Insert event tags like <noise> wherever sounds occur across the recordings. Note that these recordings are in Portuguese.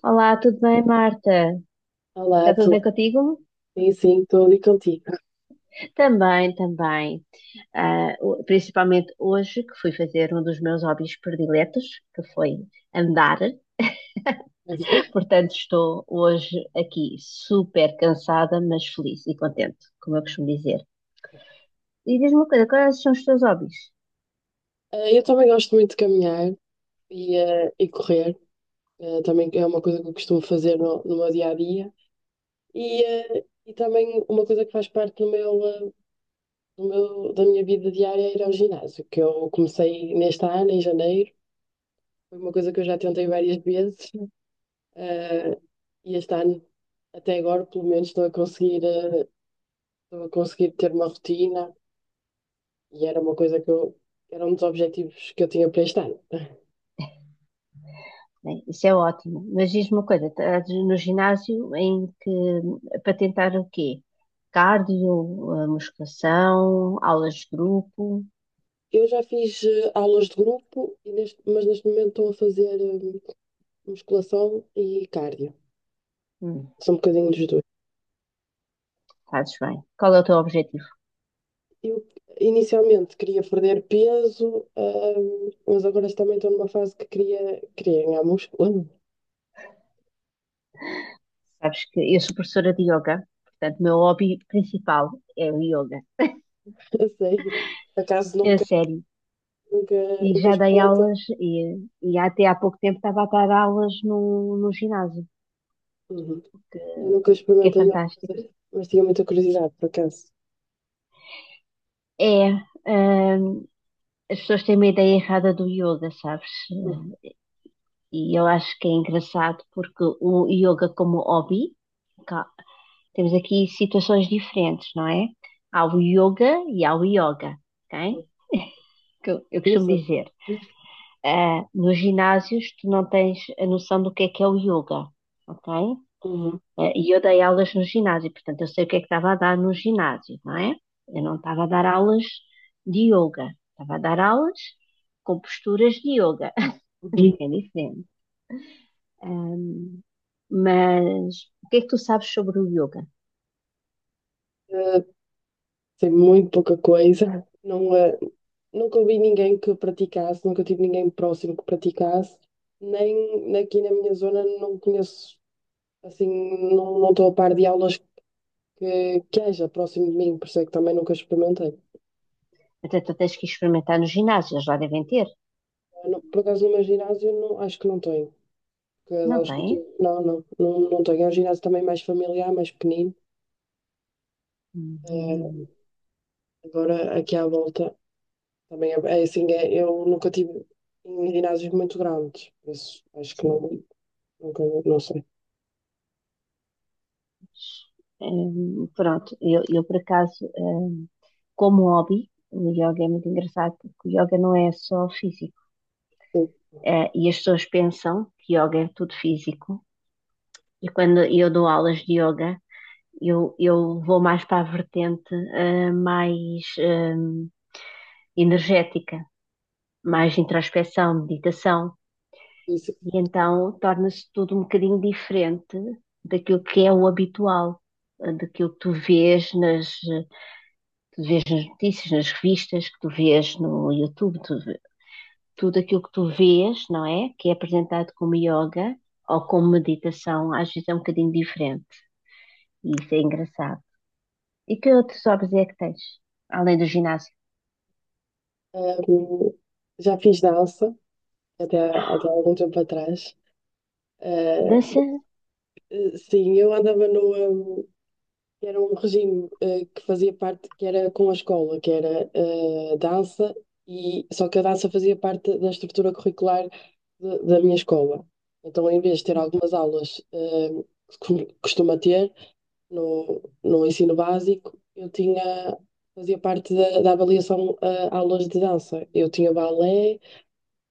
Olá, tudo bem, Marta? Olá, Está tudo bem contigo? sim, sim, estou ali contigo. Também, também. Principalmente hoje, que fui fazer um dos meus hobbies prediletos, que foi andar. <laughs> Portanto, estou hoje aqui super cansada, mas feliz e contente, como eu costumo dizer. E diz-me uma coisa, quais são os teus hobbies? Eu também gosto muito de caminhar e correr. Também é uma coisa que eu costumo fazer no meu dia a dia. E também uma coisa que faz parte do meu, eh, do meu- da minha vida diária é ir ao ginásio, que eu comecei neste ano, em janeiro. Foi uma coisa que eu já tentei várias vezes, eh, e este ano, até agora, pelo menos, estou a conseguir ter uma rotina, e era uma coisa era um dos objetivos que eu tinha para este ano. Bem, isso é ótimo, mas diz-me uma coisa, estás no ginásio em que, para tentar o quê? Cardio, musculação, aulas de grupo? Eu já fiz aulas de grupo, e mas neste momento estou a fazer musculação e cardio. Hum. São um bocadinho dos dois. Fazes bem. Qual é o teu objetivo? Eu inicialmente queria perder peso, mas agora também estou numa fase que queria ganhar músculo. Sabes que eu sou professora de yoga, portanto, o meu hobby principal é o yoga. <laughs> Eu sei. Por acaso É sério. nunca, E nunca já dei experimentei. aulas, e até há pouco tempo estava a dar aulas no ginásio, Uhum. que, Eu nunca que é experimentei fantástico. fazer, mas tinha muita curiosidade, por acaso. É, hum, as pessoas têm uma ideia errada do yoga, sabes? Uhum. E eu acho que é engraçado porque o yoga como hobby, cá, temos aqui situações diferentes, não é? Há o yoga e há o yoga, ok? Que eu Não costumo sei. dizer, nos ginásios tu não tens a noção do que é o yoga, ok? Uhum. E eu dei aulas no ginásio, portanto eu sei o que é que estava a dar no ginásio, não é? Eu não estava a dar aulas de yoga, estava a dar aulas com posturas de yoga, <laughs> Uhum. que é diferente. Ahm, mas o que é que tu sabes sobre o yoga? Sei muito pouca coisa. Não, nunca ouvi ninguém que praticasse, nunca tive ninguém próximo que praticasse, nem aqui na minha zona não conheço, assim, não estou a par de aulas que haja próximo de mim, por isso é que também nunca experimentei. Até tu tens que experimentar no ginásio, eles lá devem ter. Ah, por acaso, no meu ginásio, não, acho que não tenho. Porque as Não aulas que eu têm? tive, não tenho. É um ginásio também mais familiar, mais pequenino. Eh, Uhum. agora, aqui à volta, também é assim, eu nunca tive em ginásios muito grandes, por isso acho que não, nunca, não sei. Pronto, eu por acaso, como hobby, o yoga é muito engraçado porque o yoga não é só físico. E as pessoas pensam que yoga é tudo físico. E quando eu dou aulas de yoga, eu vou mais para a vertente, mais, energética, mais introspeção, meditação. Sim. E então torna-se tudo um bocadinho diferente daquilo que é o habitual, daquilo que tu vês nas. Tu vês nas notícias, nas revistas, que tu vês no YouTube, tu, tudo aquilo que tu vês, não é? Que é apresentado como yoga ou como meditação, às vezes é um bocadinho diferente. E isso é engraçado. E que outros hobbies é que tens? Além do ginásio? Hum, já fiz dança até algum tempo atrás. Eh, Dança? sim, eu andava no. Era um regime que fazia parte, que era com a escola, que era dança, e, só que a dança fazia parte da estrutura curricular da minha escola. Então, em vez de ter algumas aulas que costuma ter no ensino básico, eu tinha, fazia parte da avaliação aulas de dança. Eu tinha balé,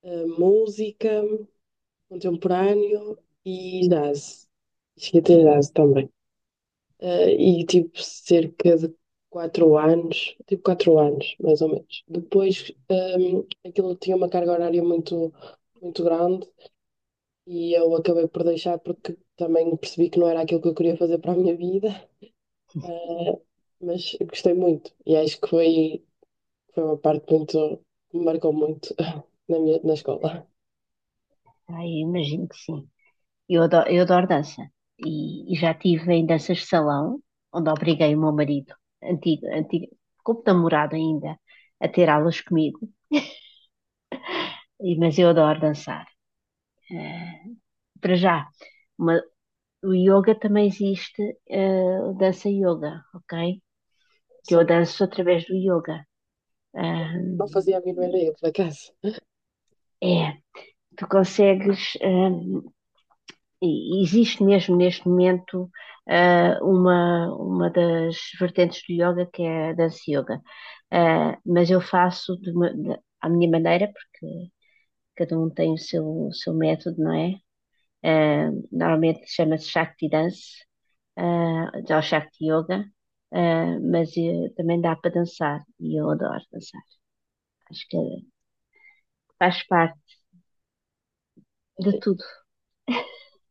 música, contemporâneo e jazz. Cheguei a ter jazz também. Eh, e tipo cerca de 4 anos, tipo 4 anos, mais ou menos. Depois aquilo tinha uma carga horária muito, muito grande e eu acabei por deixar porque também percebi que não era aquilo que eu queria fazer para a minha vida. Eh, mas gostei muito e acho que foi uma parte que me marcou muito <laughs> na escola. Ai, imagino que sim. Eu adoro dança. E já estive em danças de salão, onde obriguei o meu marido, antigo, antigo, como namorado ainda, a ter aulas comigo. E, mas eu adoro dançar. Eh, Para já, uma- o yoga também existe, dança yoga, ok? Que eu Sim, danço através do yoga. Ahm, não fazia a mínima ideia, por acaso. é, tu consegues, e existe mesmo neste momento uma das vertentes do yoga que é a dança yoga. Ah, mas eu faço de à minha maneira, porque cada um tem o seu método, não é? Ah, normalmente chama-se Shakti Dance. Ah, ao Shakti Yoga, também dá para dançar e eu adoro dançar. Acho que faz parte de tudo.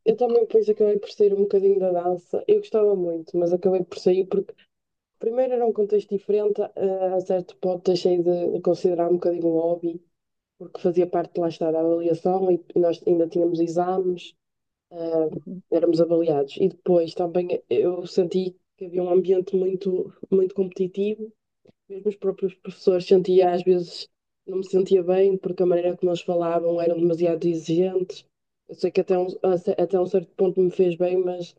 Eu também depois acabei por sair um bocadinho da dança. Eu gostava muito, mas acabei por sair porque primeiro era um contexto diferente, a certo ponto deixei de considerar um bocadinho o hobby, porque fazia parte lá está da avaliação e nós ainda tínhamos exames, eh, Uhum. éramos avaliados. E depois também eu senti que havia um ambiente muito, muito competitivo. Mesmo os próprios professores sentia, às vezes, não me sentia bem porque a maneira como eles falavam eram demasiado exigentes. Eu sei que até um certo ponto me fez bem, mas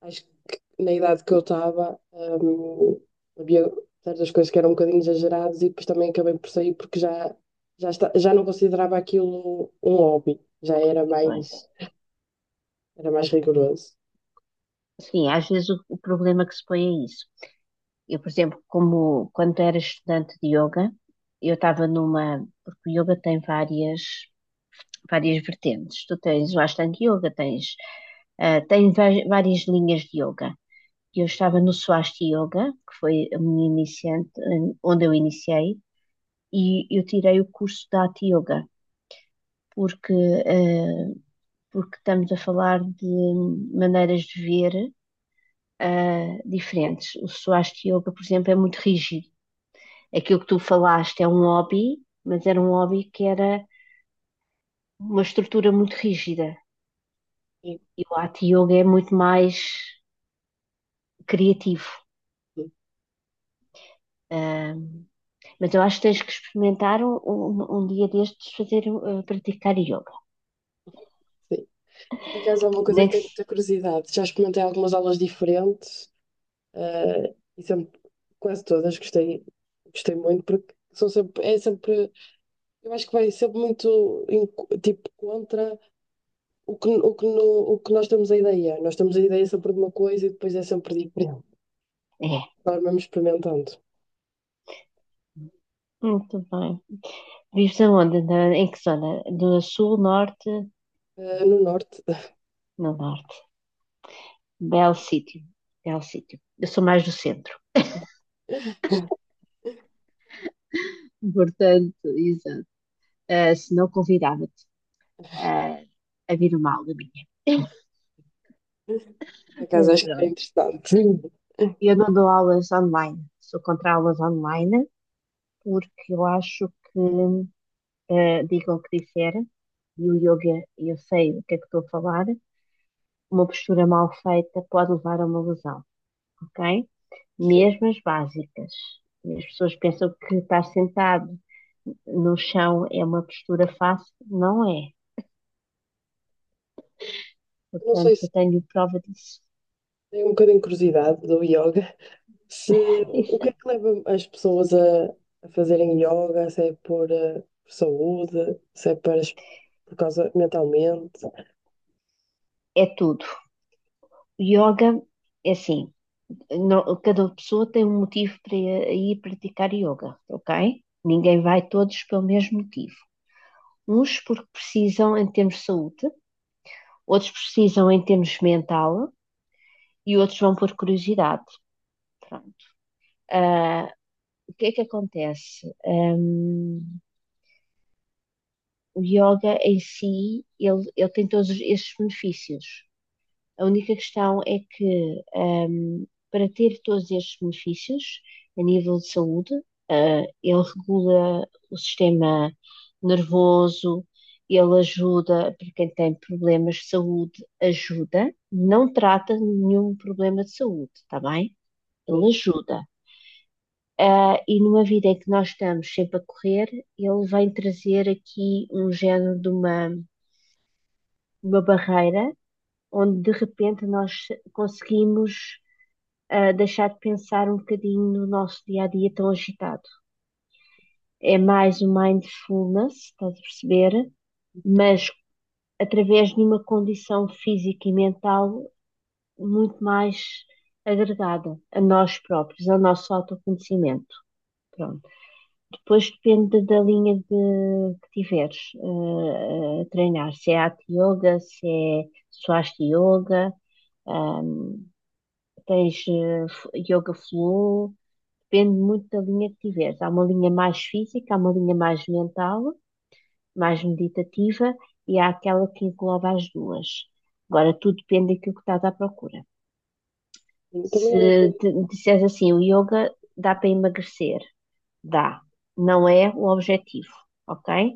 acho que na idade que eu estava, havia certas coisas que eram um bocadinho exageradas e depois também acabei por sair porque já não considerava aquilo um hobby, já era Pois. mais, era mais rigoroso. Sim, às vezes o problema que se põe é isso. Eu, por exemplo, como quando era estudante de yoga, porque o yoga tem várias várias vertentes. Tu tens o Ashtanga Yoga, tens, várias linhas de yoga. Eu estava no Swasti Yoga, que foi a minha iniciante, onde eu iniciei, e eu tirei o curso da Hatha Yoga, porque, eh, porque estamos a falar de maneiras de ver diferentes. O Swasti Yoga, por exemplo, é muito rígido. Aquilo que tu falaste é um hobby, mas era um hobby que era uma estrutura muito rígida. Sim, E o Hatha Yoga é muito mais criativo. sim. Ahm, mas eu acho que tens que experimentar um dia destes fazer praticar yoga. Por acaso é uma coisa que Nem que tenho se- muita curiosidade. Já experimentei algumas aulas diferentes. E sempre, quase todas gostei, muito porque é sempre, eu acho que vai sempre muito em tipo contra o que, no, o que nós temos a ideia. Nós temos a ideia sempre de uma coisa e depois é sempre diferente. É, Nós vamos experimentando. muito bem. Vives aonde? Em que zona? Do sul, norte? No norte. <laughs> No norte. Belo sítio. Belo sítio. Eu sou mais do centro. Portanto, exato. Eh, se não convidava-te eh, a vir uma aula minha. <laughs> Por acaso Mas acho que é pronto. interessante. Sim. Eu não dou aulas online. Sou contra aulas online porque eu acho que diga o que disser, e o yoga, eu sei o que é que estou a falar, uma postura mal feita pode levar a uma lesão, ok? Sim. Mesmo as básicas. E as pessoas pensam que estar sentado no chão é uma postura fácil, não é. Não sei Portanto, se eu tenho prova disso. tem um bocadinho de curiosidade do yoga. Se, o que é que <laughs> leva as pessoas a fazerem yoga? Se é por saúde, se é por causa mentalmente. É tudo. Yoga é assim, cada pessoa tem um motivo para ir praticar yoga, ok? Ninguém vai todos pelo mesmo motivo. Uns porque precisam em termos de saúde, outros precisam em termos mental e outros vão por curiosidade. Pronto. Ah, o que é que acontece? O yoga em si, ele tem todos estes benefícios. A única questão é que, para ter todos estes benefícios a nível de saúde, ah, ele regula o sistema nervoso, ele ajuda para quem tem problemas de saúde, ajuda, não trata nenhum problema de saúde, está bem? Ele Sim. ajuda. Ah, e numa vida em que nós estamos sempre a correr, ele vem trazer aqui um género de uma barreira onde de repente nós conseguimos a deixar de pensar um bocadinho no nosso dia a dia tão agitado. É mais o mindfulness, estás a perceber? Mas através de uma condição física e mental muito mais agregada a nós próprios, ao nosso autoconhecimento. Pronto. Depois depende que tiveres a treinar, se é Hatha Yoga, se é Swastika Yoga, ahm, tens Yoga Flow, depende muito da linha que tiveres. Há uma linha mais física, há uma linha mais mental, mais meditativa e há aquela que engloba as duas. Agora, tudo depende daquilo que estás à procura. Também era um Se bocadinho. te- Disseres assim, o yoga dá para emagrecer, dá. Não é o objetivo, ok?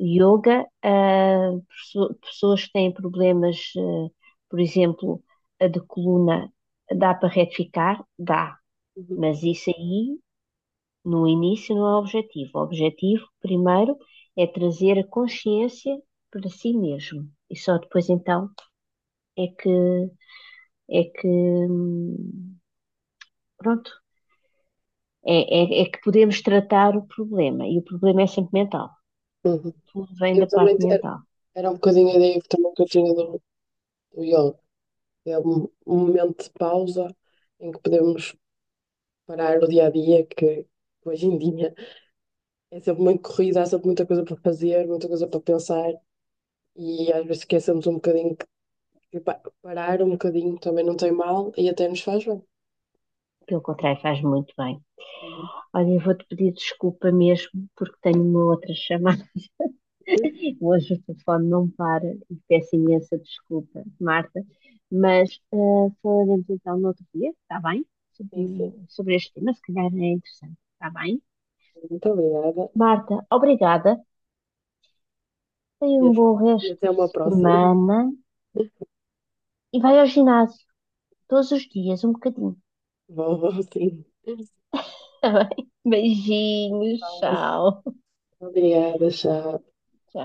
Yoga, pessoas que têm problemas, por exemplo, a de coluna, dá para retificar? Dá. Uhum. Mas isso aí no início não é objetivo. O objetivo, primeiro, é trazer a consciência para si mesmo. E só depois então é que é que pronto, é, é, é que podemos tratar o problema. E o problema é sempre mental. Uhum. Tudo vem da Eu também parte te- era, mental. era um bocadinho a ideia que também que eu tinha do yoga. É um momento de pausa em que podemos parar o dia a dia, que hoje em dia é sempre muito corrido, há sempre muita coisa para fazer, muita coisa para pensar, e às vezes esquecemos um bocadinho que parar um bocadinho também não tem mal e até nos faz bem. Pelo contrário, faz muito bem. Uhum. Olha, eu vou-te pedir desculpa mesmo, porque tenho uma outra chamada. <laughs> Hoje o telefone não para e peço imensa desculpa, Marta, mas falaremos então no outro dia, está bem? Sim, sim. Sobre este tema, se calhar é interessante, está bem? Muito obrigada. Marta, obrigada. E Tenha um a- bom e resto até de uma próxima. semana <laughs> e vai ao ginásio todos os dias, um bocadinho. Vou, vou, sim. Está bem? Beijinhos, Aulas. tchau. Tchau. Obrigada, tchau.